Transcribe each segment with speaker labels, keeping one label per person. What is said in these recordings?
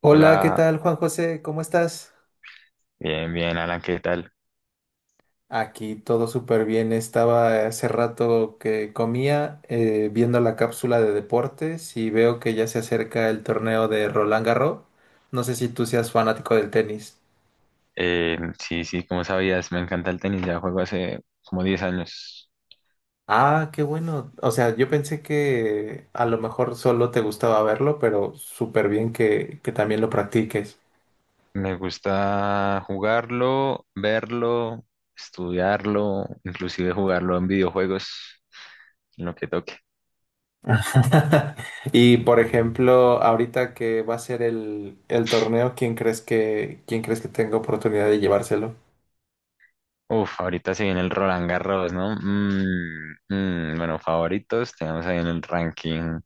Speaker 1: Hola, ¿qué
Speaker 2: Hola,
Speaker 1: tal, Juan José? ¿Cómo estás?
Speaker 2: bien, bien, Alan, ¿qué tal?
Speaker 1: Aquí todo súper bien. Estaba hace rato que comía viendo la cápsula de deportes y veo que ya se acerca el torneo de Roland Garros. No sé si tú seas fanático del tenis.
Speaker 2: Sí, sí, como sabías, me encanta el tenis, ya juego hace como 10 años.
Speaker 1: Ah, qué bueno. O sea, yo pensé que a lo mejor solo te gustaba verlo, pero súper bien que también lo practiques.
Speaker 2: Me gusta jugarlo, verlo, estudiarlo, inclusive jugarlo en videojuegos, en lo que toque.
Speaker 1: Y por ejemplo, ahorita que va a ser el torneo, ¿ quién crees que tenga oportunidad de llevárselo?
Speaker 2: Uf, ahorita se viene el Roland Garros, ¿no? Bueno, favoritos, tenemos ahí en el ranking.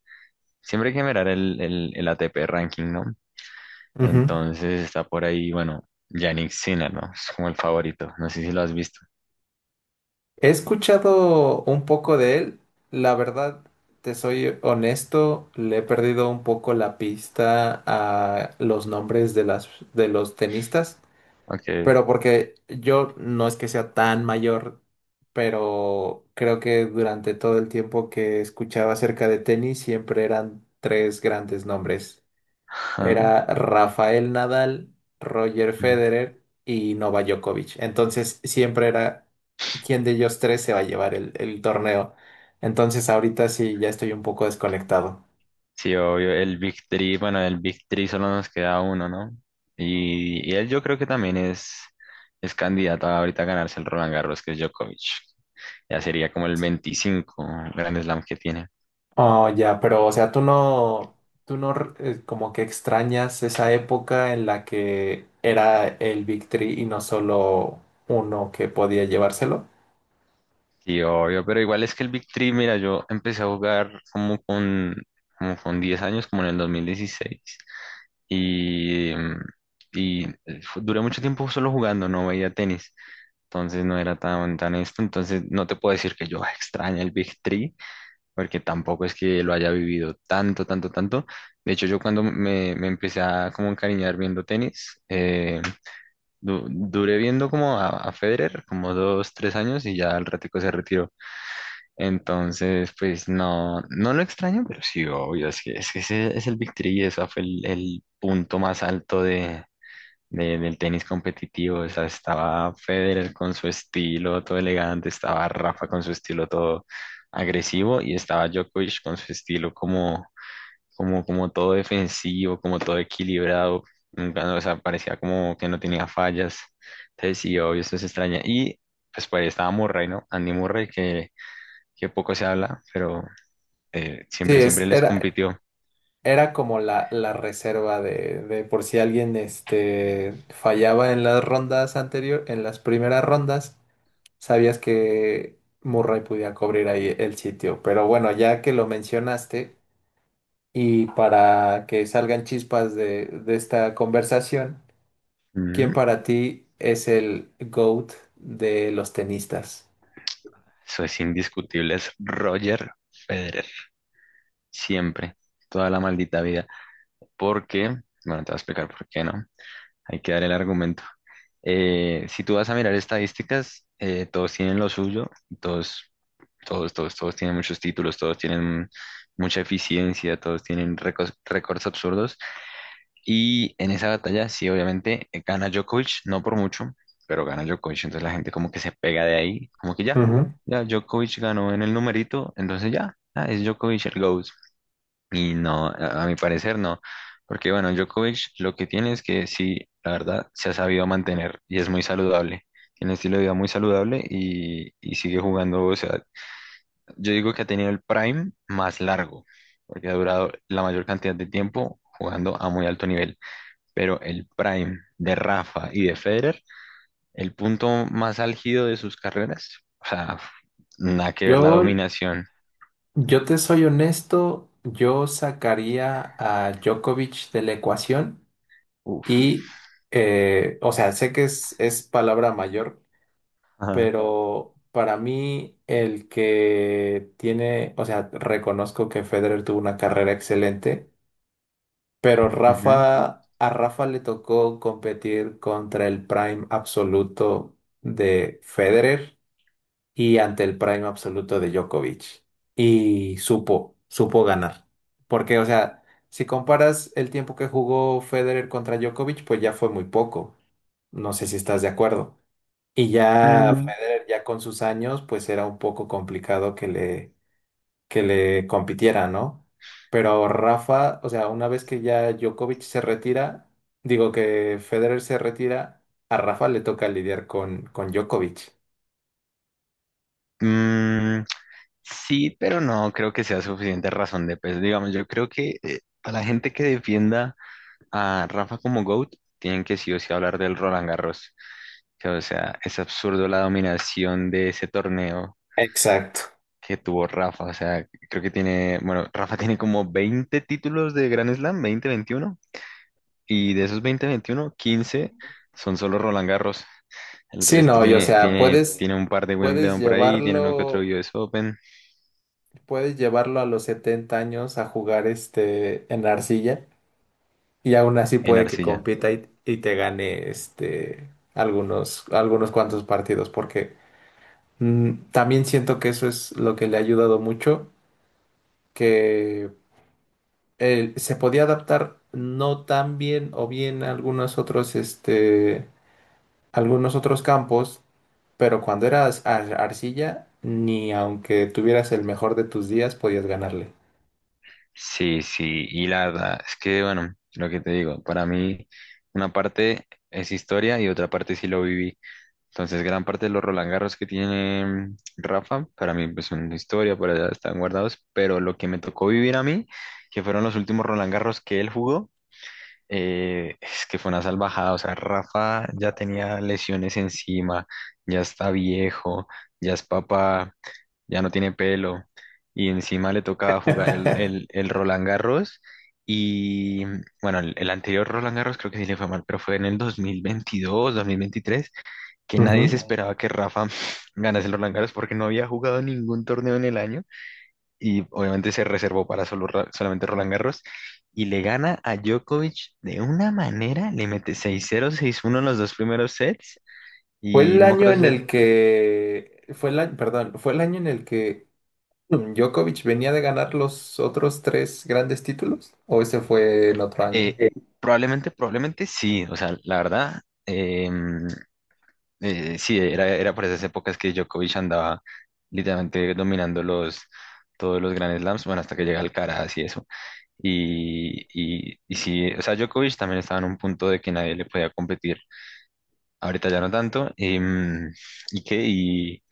Speaker 2: Siempre hay que mirar el ATP ranking, ¿no?
Speaker 1: Ujú.
Speaker 2: Entonces está por ahí, bueno, Yannick Sinner, ¿no? Es como el favorito, no sé si lo has visto.
Speaker 1: He escuchado un poco de él. La verdad, te soy honesto, le he perdido un poco la pista a los nombres de las de los tenistas,
Speaker 2: Okay.
Speaker 1: pero porque yo no es que sea tan mayor, pero creo que durante todo el tiempo que escuchaba acerca de tenis siempre eran tres grandes nombres.
Speaker 2: Ajá.
Speaker 1: Era Rafael Nadal, Roger
Speaker 2: Mm.
Speaker 1: Federer y Novak Djokovic. Entonces siempre era quién de ellos tres se va a llevar el torneo. Entonces ahorita sí ya estoy un poco desconectado.
Speaker 2: Sí, obvio. El Big Three, bueno, el Big Three solo nos queda uno, ¿no? Y él yo creo que también es candidato a ahorita a ganarse el Roland Garros, que es Djokovic. Ya sería como el 25 Grand Slam que tiene.
Speaker 1: Oh, ya, pero o sea, tú no como que extrañas esa época en la que era el Big Three y no solo uno que podía llevárselo.
Speaker 2: Sí, obvio, pero igual es que el Big Three, mira, yo empecé a jugar como con 10 años, como en el 2016. Y, mm, y duré mucho tiempo solo jugando, no veía tenis. Entonces no era tan esto. Entonces no te puedo decir que yo "Ah, extraña el Big Three, porque tampoco es que lo haya vivido tanto, tanto, tanto. De hecho, yo cuando me empecé a como encariñar viendo tenis, duré viendo como a Federer como 2, 3 años y ya al ratico se retiró. Entonces, pues no, no lo extraño, pero sí, obvio, es que ese es el Big Three y eso fue el punto más alto del tenis competitivo. O sea, estaba Federer con su estilo todo elegante, estaba Rafa con su estilo todo agresivo y estaba Djokovic con su estilo como todo defensivo, como todo equilibrado. Nunca, o sea, parecía como que no tenía fallas. Entonces, sí, obvio, eso se extraña. Y pues por ahí estaba Murray, ¿no? Andy Murray, que poco se habla, pero
Speaker 1: Sí,
Speaker 2: siempre, siempre les compitió.
Speaker 1: era como la reserva de por si alguien este, fallaba en las rondas anterior, en las primeras rondas, sabías que Murray podía cubrir ahí el sitio. Pero bueno, ya que lo mencionaste, y para que salgan chispas de esta conversación, ¿quién
Speaker 2: Ujú.
Speaker 1: para ti es el GOAT de los tenistas?
Speaker 2: Eso es indiscutible, es Roger Federer. Siempre, toda la maldita vida. Porque, bueno, te voy a explicar por qué no. Hay que dar el argumento. Si tú vas a mirar estadísticas, todos tienen lo suyo, todos, todos tienen muchos títulos, todos tienen mucha eficiencia, todos tienen récords, récords absurdos. Y en esa batalla, sí, obviamente, gana Djokovic, no por mucho, pero gana Djokovic. Entonces la gente como que se pega de ahí, como que ya,
Speaker 1: Ujú.
Speaker 2: ya Djokovic ganó en el numerito, entonces ya, ah, es Djokovic el GOAT. Y no, a mi parecer no, porque bueno, Djokovic lo que tiene es que sí, la verdad, se ha sabido mantener y es muy saludable. Tiene un estilo de vida muy saludable y sigue jugando, o sea, yo digo que ha tenido el prime más largo, porque ha durado la mayor cantidad de tiempo jugando a muy alto nivel. Pero el prime de Rafa y de Federer, el punto más álgido de sus carreras, o sea, nada que ver la
Speaker 1: Yo,
Speaker 2: dominación.
Speaker 1: yo te soy honesto, yo sacaría a Djokovic de la ecuación.
Speaker 2: Uf.
Speaker 1: Y, o sea, sé que es palabra mayor,
Speaker 2: Ajá.
Speaker 1: pero para mí el que tiene, o sea, reconozco que Federer tuvo una carrera excelente, pero
Speaker 2: Ujú.
Speaker 1: Rafa, a Rafa le tocó competir contra el prime absoluto de Federer y ante el prime absoluto de Djokovic. Y supo ganar. Porque, o sea, si comparas el tiempo que jugó Federer contra Djokovic, pues ya fue muy poco. No sé si estás de acuerdo. Y ya
Speaker 2: Mm,
Speaker 1: Federer, ya con sus años, pues era un poco complicado que le compitiera, ¿no? Pero Rafa, o sea, una vez que ya Djokovic se retira, digo que Federer se retira, a Rafa le toca lidiar con Djokovic.
Speaker 2: mm, Sí pero no creo que sea suficiente razón de peso. Digamos, yo creo que a la gente que defienda a Rafa como GOAT, tienen que sí o sí hablar del Roland Garros. Que, o sea, es absurdo la dominación de ese torneo
Speaker 1: Exacto.
Speaker 2: que tuvo Rafa. O sea, creo que tiene, bueno, Rafa tiene como 20 títulos de Grand Slam, 20, 21, y de esos 20, 21, 15 son solo Roland Garros. El
Speaker 1: Sí,
Speaker 2: resto
Speaker 1: no, y o
Speaker 2: tiene,
Speaker 1: sea,
Speaker 2: tiene,
Speaker 1: puedes,
Speaker 2: tiene un par de
Speaker 1: puedes
Speaker 2: Wimbledon por ahí, tiene uno que otro
Speaker 1: llevarlo,
Speaker 2: US Open
Speaker 1: puedes llevarlo a los 70 años a jugar este en arcilla y aún así
Speaker 2: en
Speaker 1: puede que
Speaker 2: arcilla.
Speaker 1: compita y te gane este algunos, algunos cuantos partidos, porque mm, también siento que eso es lo que le ha ayudado mucho, que él se podía adaptar no tan bien o bien a algunos otros este algunos otros campos, pero cuando eras arcilla, ni aunque tuvieras el mejor de tus días, podías ganarle.
Speaker 2: Sí, sí, y la verdad es que, bueno, lo que te digo, para mí una parte es historia y otra parte sí lo viví. Entonces, gran parte de los Roland Garros que tiene Rafa, para mí pues son historia, por allá están guardados, pero lo que me tocó vivir a mí, que fueron los últimos Roland Garros que él jugó, es que fue una salvajada, o sea, Rafa ya tenía lesiones encima, ya está viejo, ya es papá, ya no tiene pelo. Y encima le toca jugar el, el, el Roland Garros. Y bueno, el anterior Roland Garros creo que sí le fue mal, pero fue en el 2022 2023 que
Speaker 1: Ujú.
Speaker 2: nadie se esperaba que Rafa ganase el Roland Garros porque no había jugado ningún torneo en el año. Y obviamente se reservó para solamente Roland Garros. Y le gana a Djokovic de una manera, le mete 6-0, 6-1 en los dos primeros sets. Y no me acuerdo.
Speaker 1: Fue el año, perdón, fue el año en el que Djokovic venía de ganar los otros tres grandes títulos, o ese fue en otro año.
Speaker 2: Eh, probablemente, probablemente sí. O sea, la verdad, sí, era por esas épocas que Djokovic andaba literalmente dominando todos los Grand Slams, bueno, hasta que llega Alcaraz y eso. Y sí, o sea, Djokovic también estaba en un punto de que nadie le podía competir. Ahorita ya no tanto. ¿Y qué? Y,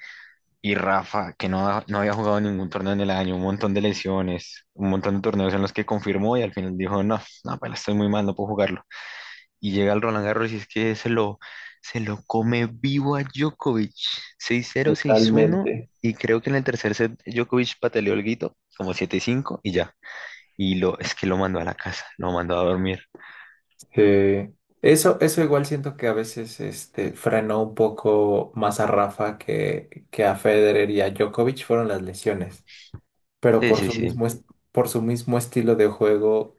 Speaker 2: y Rafa, que no, no había jugado ningún torneo en el año, un montón de lesiones, un montón de torneos en los que confirmó y al final dijo, no, no, pues estoy muy mal, no puedo jugarlo y llega al Roland Garros y es que se lo come vivo a Djokovic. Seis cero seis uno
Speaker 1: Totalmente.
Speaker 2: y creo que en el tercer set Djokovic pataleó el guito, como 7-5 y ya. Y es que lo mandó a la casa, lo mandó a dormir.
Speaker 1: Sí. Eso igual siento que a veces este, frenó un poco más a Rafa que a Federer y a Djokovic fueron las lesiones. Pero
Speaker 2: Sí,
Speaker 1: por
Speaker 2: sí,
Speaker 1: su
Speaker 2: sí.
Speaker 1: mismo, est- por su mismo estilo de juego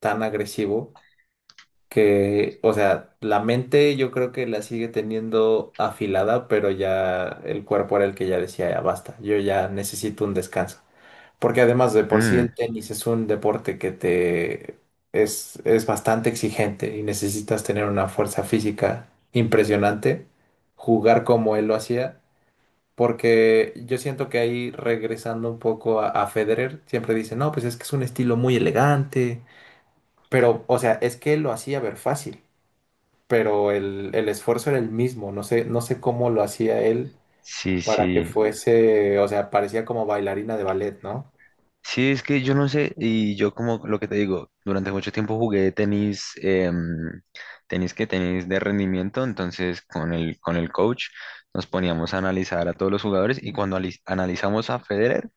Speaker 1: tan agresivo que, o sea, la mente yo creo que la sigue teniendo afilada, pero ya el cuerpo era el que ya decía, ya basta, yo ya necesito un descanso. Porque además de por sí el
Speaker 2: Mm,
Speaker 1: tenis es un deporte que te es bastante exigente y necesitas tener una fuerza física impresionante. Jugar como él lo hacía, porque yo siento que ahí regresando un poco a Federer, siempre dice, no, pues es que es un estilo muy elegante, pero, o sea, es que él lo hacía ver fácil, pero el esfuerzo era el mismo, no sé cómo lo hacía él
Speaker 2: sí,
Speaker 1: para que
Speaker 2: sí.
Speaker 1: fuese, o sea, parecía como bailarina de ballet, ¿no?
Speaker 2: Sí, es que yo no sé, y yo como lo que te digo, durante mucho tiempo jugué tenis, tenis que tenis de rendimiento, entonces con el coach nos poníamos a analizar a todos los jugadores y cuando analizamos a Federer,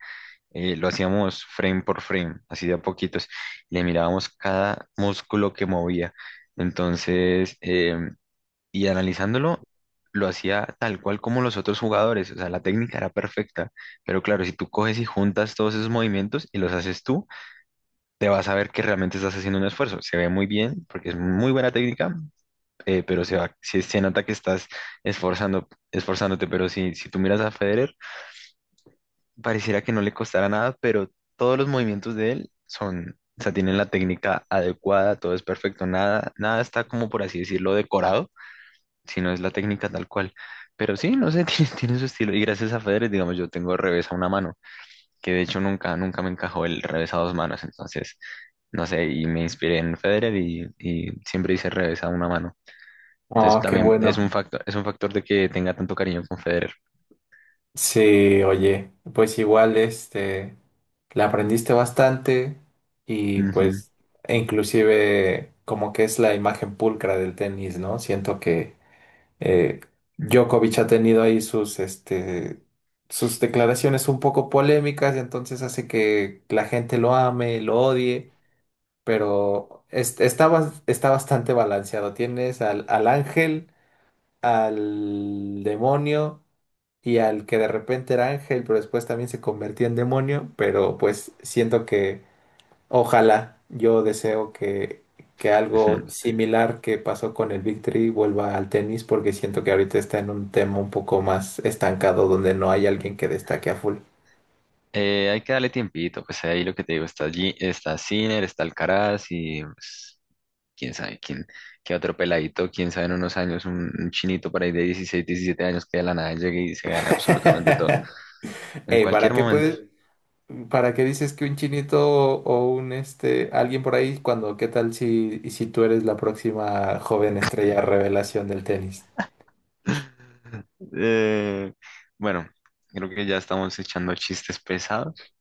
Speaker 2: lo hacíamos frame por frame, así de a poquitos. Le mirábamos cada músculo que movía. Entonces, y analizándolo, lo hacía tal cual como los otros jugadores. O sea, la técnica era perfecta. Pero claro, si tú coges y juntas todos esos movimientos y los haces tú, te vas a ver que realmente estás haciendo un esfuerzo. Se ve muy bien, porque es muy buena técnica, pero se nota que estás esforzándote. Pero si tú miras a Federer, pareciera que no le costara nada, pero todos los movimientos de él son, o sea, tienen la técnica adecuada, todo es perfecto, nada, nada está como por así decirlo decorado, sino es la técnica tal cual. Pero sí, no sé, tiene su estilo. Y gracias a Federer, digamos, yo tengo revés a una mano, que de hecho nunca, nunca me encajó el revés a dos manos. Entonces, no sé, y me inspiré en Federer y siempre hice revés a una mano. Entonces
Speaker 1: Oh, qué
Speaker 2: también
Speaker 1: bueno.
Speaker 2: es un factor de que tenga tanto cariño con Federer.
Speaker 1: Sí, oye, pues igual este, la aprendiste bastante y
Speaker 2: Ujú,
Speaker 1: pues, e inclusive como que es la imagen pulcra del tenis, ¿no? Siento que... Eh, Djokovic ha tenido ahí sus, este, sus declaraciones un poco polémicas y entonces hace que la gente lo ame, lo odie, pero está, está bastante balanceado. Tienes al ángel, al demonio y al que de repente era ángel, pero después también se convertía en demonio, pero pues siento... Ojalá, yo deseo que
Speaker 2: ujú.
Speaker 1: algo similar que pasó con el Big Three vuelva al tenis porque siento que ahorita está en un tema un poco más estancado donde no hay alguien que destaque a full.
Speaker 2: Hay que darle tiempito, pues ahí lo que te digo, está allí, está Sinner, está Alcaraz y pues, quién sabe quién, qué otro peladito, quién sabe en unos años un chinito por ahí de 16, 17 años que de la nada llegue y se gane absolutamente todo, en
Speaker 1: Eh, ¿para
Speaker 2: cualquier
Speaker 1: qué
Speaker 2: momento.
Speaker 1: puedes, para qué dices que un chinito o un este alguien por ahí cuando qué tal si tú eres la próxima joven estrella revelación del tenis?
Speaker 2: Eh, bueno, creo que ya estamos echando chistes pesados,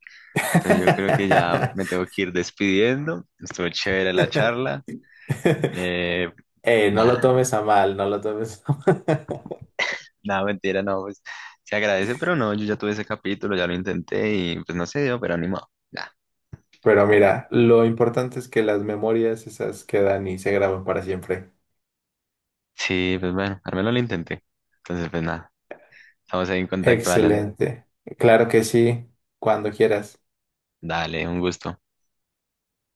Speaker 2: entonces yo creo que ya me tengo que ir despidiendo, estuvo chévere la charla, eh,
Speaker 1: No lo
Speaker 2: nada,
Speaker 1: tomes a mal, no lo tomes.
Speaker 2: nada, mentira, no, pues se agradece, pero no, yo ya tuve ese capítulo, ya lo intenté y pues no se dio, pero animado. Nada.
Speaker 1: Pero mira, lo importante es que las memorias esas quedan y se graban para siempre.
Speaker 2: Sí, pues bueno, al menos lo intenté. Entonces, pues nada, estamos ahí en contacto, Alan.
Speaker 1: Excelente. Claro que sí, cuando quieras.
Speaker 2: Dale, un gusto.